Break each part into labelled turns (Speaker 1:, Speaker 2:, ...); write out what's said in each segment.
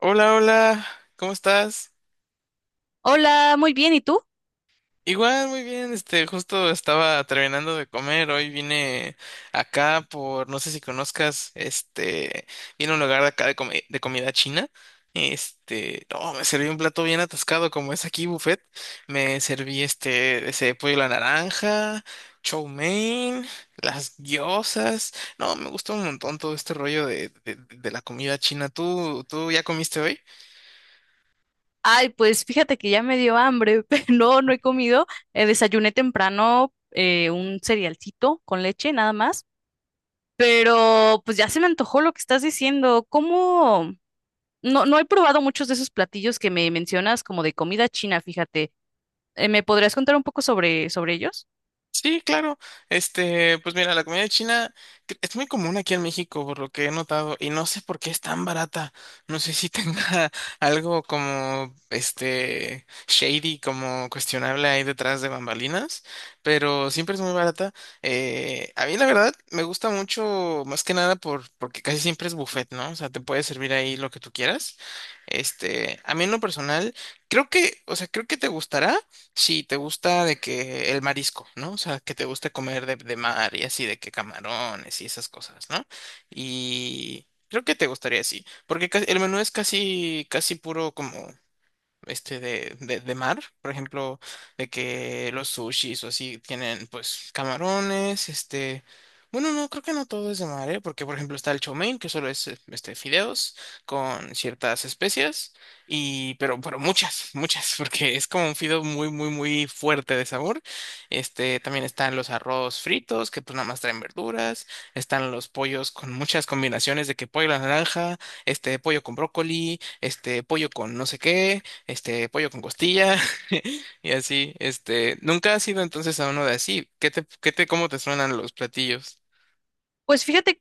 Speaker 1: Hola, hola, ¿cómo estás?
Speaker 2: Hola, muy bien, ¿y tú?
Speaker 1: Igual, muy bien, justo estaba terminando de comer. Hoy vine acá por, no sé si conozcas, vine a un lugar de acá de, de comida china. No, me serví un plato bien atascado, como es aquí buffet. Me serví ese pollo a la naranja, chow mein, las gyozas. No, me gusta un montón todo este rollo de la comida china. Tú ya comiste hoy?
Speaker 2: Ay, pues fíjate que ya me dio hambre, pero no, no he comido. Desayuné temprano un cerealcito con leche, nada más. Pero pues ya se me antojó lo que estás diciendo. ¿Cómo? No, no he probado muchos de esos platillos que me mencionas como de comida china, fíjate. ¿Me podrías contar un poco sobre ellos?
Speaker 1: Sí, claro. Pues mira, la comida china es muy común aquí en México, por lo que he notado, y no sé por qué es tan barata. No sé si tenga algo como, shady, como cuestionable ahí detrás de bambalinas, pero siempre es muy barata. A mí la verdad me gusta mucho, más que nada porque casi siempre es buffet, ¿no? O sea, te puede servir ahí lo que tú quieras. A mí en lo personal, creo que, o sea, creo que te gustará. Sí, te gusta de que el marisco, ¿no? O sea, que te gusta comer de mar y así, de que camarones y esas cosas, ¿no? Y creo que te gustaría así, porque el menú es casi, casi puro como de mar, por ejemplo, de que los sushis o así tienen pues camarones. Bueno, no, creo que no todo es de mar, ¿eh? Porque por ejemplo está el chow mein, que solo es fideos con ciertas especias, y pero muchas, muchas, porque es como un fideo muy muy muy fuerte de sabor. También están los arroz fritos, que pues nada más traen verduras. Están los pollos con muchas combinaciones de que pollo a la naranja, este pollo con brócoli, este pollo con no sé qué, pollo con costilla. Y así. Nunca has ido entonces a uno de así. ¿Cómo te suenan los platillos?
Speaker 2: Pues fíjate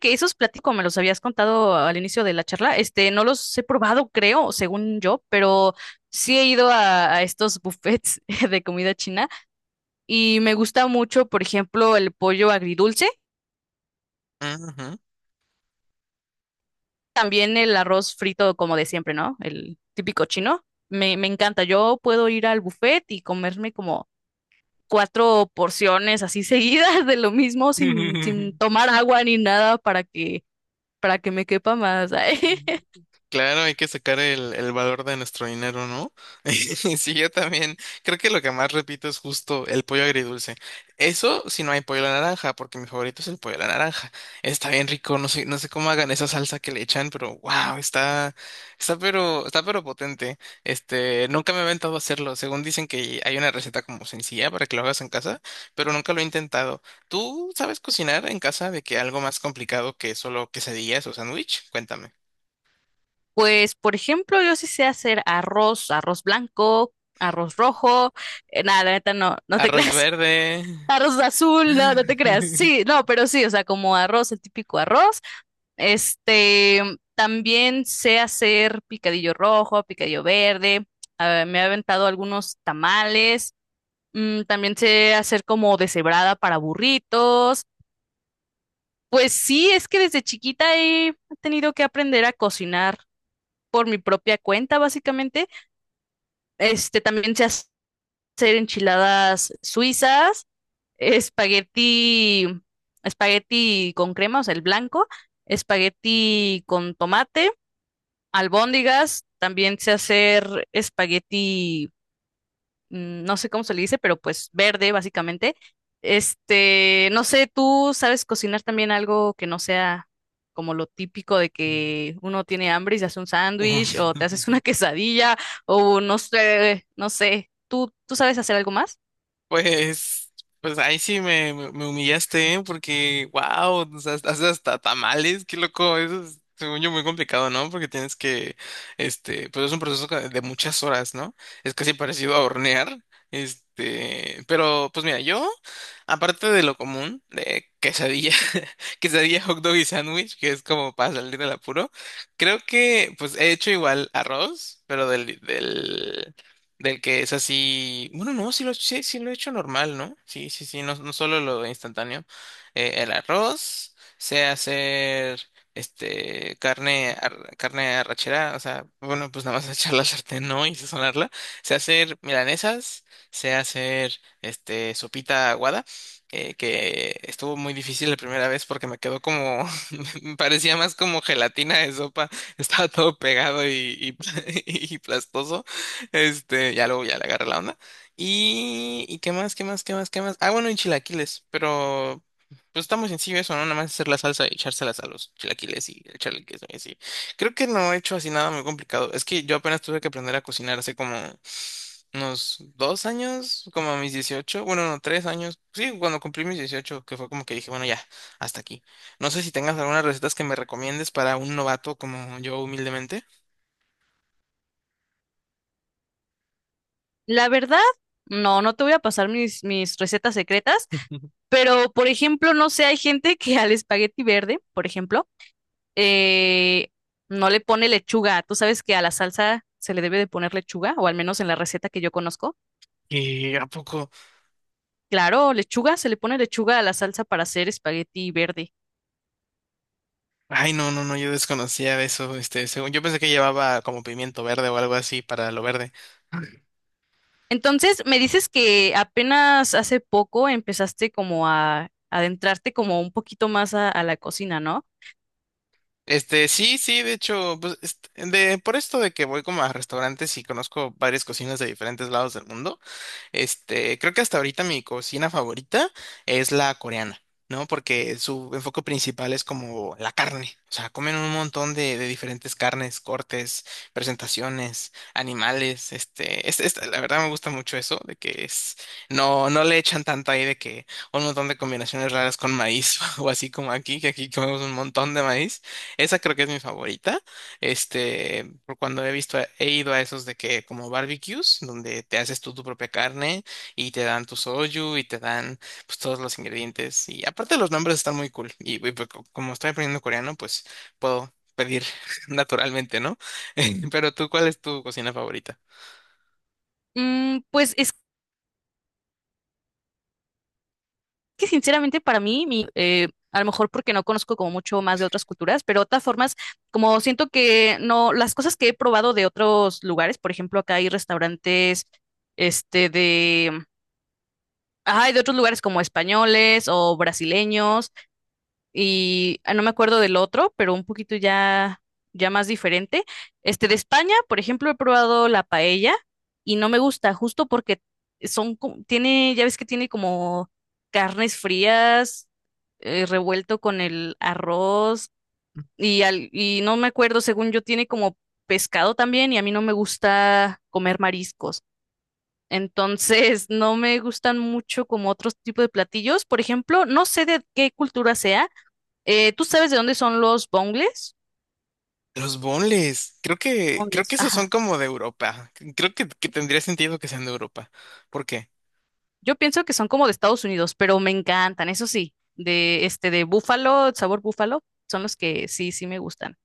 Speaker 2: que esos platillos, como me los habías contado al inicio de la charla, este, no los he probado, creo, según yo, pero sí he ido a estos buffets de comida china y me gusta mucho, por ejemplo, el pollo agridulce,
Speaker 1: Ujú.
Speaker 2: también el arroz frito como de siempre, ¿no? El típico chino. Me encanta. Yo puedo ir al buffet y comerme como cuatro porciones así seguidas de lo mismo sin tomar agua ni nada para para que me quepa más. Ay.
Speaker 1: Claro, hay que sacar el valor de nuestro dinero, ¿no? Sí, yo también. Creo que lo que más repito es justo el pollo agridulce. Eso si no hay pollo a la naranja, porque mi favorito es el pollo a la naranja. Está bien rico, no sé, no sé cómo hagan esa salsa que le echan, pero wow, está pero potente. Nunca me he aventado a hacerlo. Según dicen que hay una receta como sencilla para que lo hagas en casa, pero nunca lo he intentado. ¿Tú sabes cocinar en casa de que algo más complicado que solo quesadillas o sándwich? Cuéntame.
Speaker 2: Pues, por ejemplo, yo sí sé hacer arroz blanco, arroz rojo, nada, la neta no, no te
Speaker 1: Arroz
Speaker 2: creas.
Speaker 1: verde.
Speaker 2: Arroz azul, no, no te creas. Sí, no, pero sí, o sea, como arroz, el típico arroz. Este, también sé hacer picadillo rojo, picadillo verde. Ah, me he aventado algunos tamales. Mm, también sé hacer como deshebrada para burritos. Pues sí, es que desde chiquita he tenido que aprender a cocinar por mi propia cuenta, básicamente. Este, también sé hacer enchiladas suizas, espagueti, espagueti con crema, o sea, el blanco, espagueti con tomate, albóndigas, también sé hacer espagueti mm, no sé cómo se le dice, pero pues verde, básicamente. Este, no sé, ¿tú sabes cocinar también algo que no sea como lo típico de que uno tiene hambre y se hace un sándwich o te haces una quesadilla o no sé, no sé. ¿Tú sabes hacer algo más?
Speaker 1: Pues, pues ahí sí me humillaste, ¿eh? Porque, wow, haces hasta tamales, qué loco, eso es, según yo, muy complicado, ¿no? Porque tienes que, pues es un proceso de muchas horas, ¿no? Es casi parecido a hornear. Pues mira, yo, aparte de lo común, de quesadilla, quesadilla, hot dog y sándwich, que es como para salir del apuro, creo que, pues he hecho igual arroz, pero del que es así. Bueno, no, sí lo he hecho normal, ¿no? Sí, sí, sí, no, no solo lo instantáneo. El arroz, sé hacer carne, carne arrachera, o sea, bueno, pues nada más echar la sartén, ¿no? Y sazonarla. Sé hacer milanesas. Sé hacer sopita aguada, que estuvo muy difícil la primera vez porque me quedó como, me parecía más como gelatina de sopa, estaba todo pegado y y plastoso. Ya luego ya le agarré la onda. ¿Y qué más, qué más, qué más, qué más? Ah, bueno, y chilaquiles, pero pues está muy sencillo eso, ¿no? Nada más hacer la salsa y echárselas a los chilaquiles y echarle queso y así. Creo que no he hecho así nada muy complicado. Es que yo apenas tuve que aprender a cocinar hace como unos 2 años, como a mis 18, bueno, no, 3 años. Sí, cuando cumplí mis 18 que fue como que dije, bueno, ya, hasta aquí. No sé si tengas algunas recetas que me recomiendes para un novato como yo humildemente.
Speaker 2: La verdad, no, no te voy a pasar mis recetas secretas, pero por ejemplo, no sé, hay gente que al espagueti verde, por ejemplo, eh, no le pone lechuga. ¿Tú sabes que a la salsa se le debe de poner lechuga? O al menos en la receta que yo conozco.
Speaker 1: ¿Y a poco?
Speaker 2: Claro, lechuga, se le pone lechuga a la salsa para hacer espagueti verde.
Speaker 1: Ay, no, no, no, yo desconocía eso, según, yo pensé que llevaba como pimiento verde o algo así para lo verde.
Speaker 2: Entonces, me dices que apenas hace poco empezaste como a adentrarte como un poquito más a la cocina, ¿no?
Speaker 1: Sí, sí, de hecho, pues, por esto de que voy como a restaurantes y conozco varias cocinas de diferentes lados del mundo. Creo que hasta ahorita mi cocina favorita es la coreana, ¿no? Porque su enfoque principal es como la carne. O sea, comen un montón de diferentes carnes, cortes, presentaciones, animales. La verdad me gusta mucho eso, de que es, no, no le echan tanto ahí de que un montón de combinaciones raras con maíz o así como aquí, que aquí comemos un montón de maíz. Esa creo que es mi favorita. Por cuando he visto, he ido a esos de que como barbecues, donde te haces tú tu propia carne y te dan tu soyu y te dan pues todos los ingredientes. Y aparte los nombres están muy cool. Pues, como estoy aprendiendo coreano, pues puedo pedir naturalmente, ¿no? Pero tú, ¿cuál es tu cocina favorita?
Speaker 2: Mm, pues es que sinceramente para mí, mi, a lo mejor porque no conozco como mucho más de otras culturas, pero otras formas, como siento que no, las cosas que he probado de otros lugares, por ejemplo, acá hay restaurantes, este, de, ay, de otros lugares como españoles o brasileños y ah, no me acuerdo del otro, pero un poquito ya, ya más diferente. Este de España, por ejemplo, he probado la paella y no me gusta, justo porque son, tiene, ya ves que tiene como carnes frías, revuelto con el arroz y no me acuerdo, según yo, tiene como pescado también y a mí no me gusta comer mariscos. Entonces, no me gustan mucho como otros tipos de platillos. Por ejemplo, no sé de qué cultura sea, ¿tú sabes de dónde son los bongles?
Speaker 1: Los bonles, creo que
Speaker 2: Bongles,
Speaker 1: esos son
Speaker 2: ajá.
Speaker 1: como de Europa. Creo que tendría sentido que sean de Europa. ¿Por qué?
Speaker 2: Yo pienso que son como de Estados Unidos, pero me encantan, eso sí, de este de búfalo, sabor búfalo, son los que sí, sí me gustan.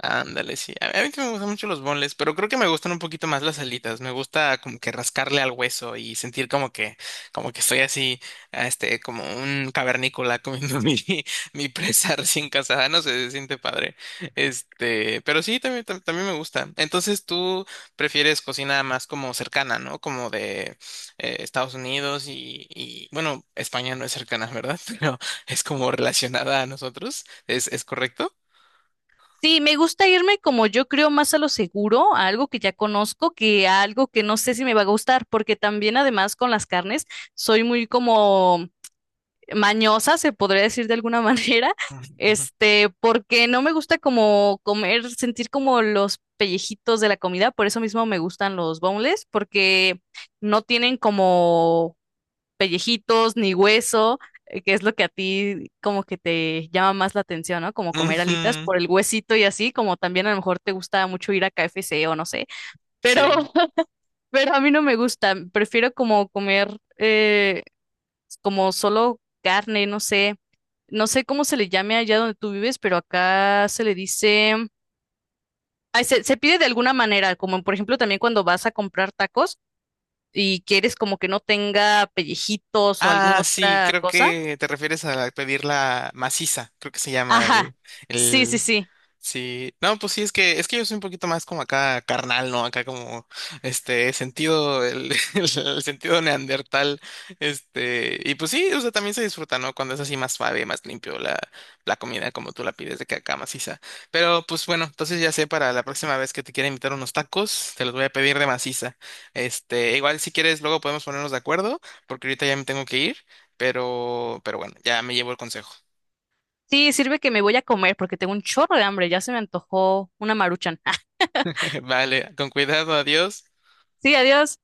Speaker 1: Ándale, sí. A mí también me gustan mucho los boneless, pero creo que me gustan un poquito más las alitas. Me gusta como que rascarle al hueso y sentir como que estoy así, como un cavernícola comiendo mi presa recién casada. No sé, se siente padre. Pero sí, también, también me gusta. Entonces tú prefieres cocina más como cercana, ¿no? Como de Estados Unidos bueno, España no es cercana, ¿verdad? Pero es como relacionada a nosotros. ¿Es correcto?
Speaker 2: Sí, me gusta irme como yo creo más a lo seguro, a algo que ya conozco, que a algo que no sé si me va a gustar, porque también además con las carnes soy muy como mañosa, se podría decir de alguna manera, este, porque no me gusta como comer, sentir como los pellejitos de la comida, por eso mismo me gustan los boneless, porque no tienen como pellejitos ni hueso, que es lo que a ti como que te llama más la atención, ¿no? Como comer alitas
Speaker 1: Ujú,
Speaker 2: por el huesito y así, como también a lo mejor te gusta mucho ir a KFC o no sé, pero,
Speaker 1: sí.
Speaker 2: pero a mí no me gusta, prefiero como comer como solo carne, no sé, no sé cómo se le llame allá donde tú vives, pero acá se le dice, ay, se pide de alguna manera, como por ejemplo también cuando vas a comprar tacos y quieres como que no tenga pellejitos o alguna
Speaker 1: Ah, sí,
Speaker 2: otra
Speaker 1: creo
Speaker 2: cosa.
Speaker 1: que te refieres a pedir la maciza, creo que se llama el,
Speaker 2: Ajá, sí, sí,
Speaker 1: el.
Speaker 2: sí.
Speaker 1: Sí, no, pues sí, es que yo soy un poquito más como acá carnal, ¿no? Acá como sentido, el, el sentido neandertal. Y pues sí, o sea, también se disfruta, ¿no? Cuando es así más suave, más limpio la comida como tú la pides de que acá maciza. Pero pues bueno, entonces ya sé, para la próxima vez que te quiera invitar unos tacos, te los voy a pedir de maciza. Igual si quieres, luego podemos ponernos de acuerdo, porque ahorita ya me tengo que ir, pero bueno, ya me llevo el consejo.
Speaker 2: Sí, sirve que me voy a comer porque tengo un chorro de hambre, ya se me antojó una maruchan.
Speaker 1: Vale, con cuidado, adiós.
Speaker 2: Sí, adiós.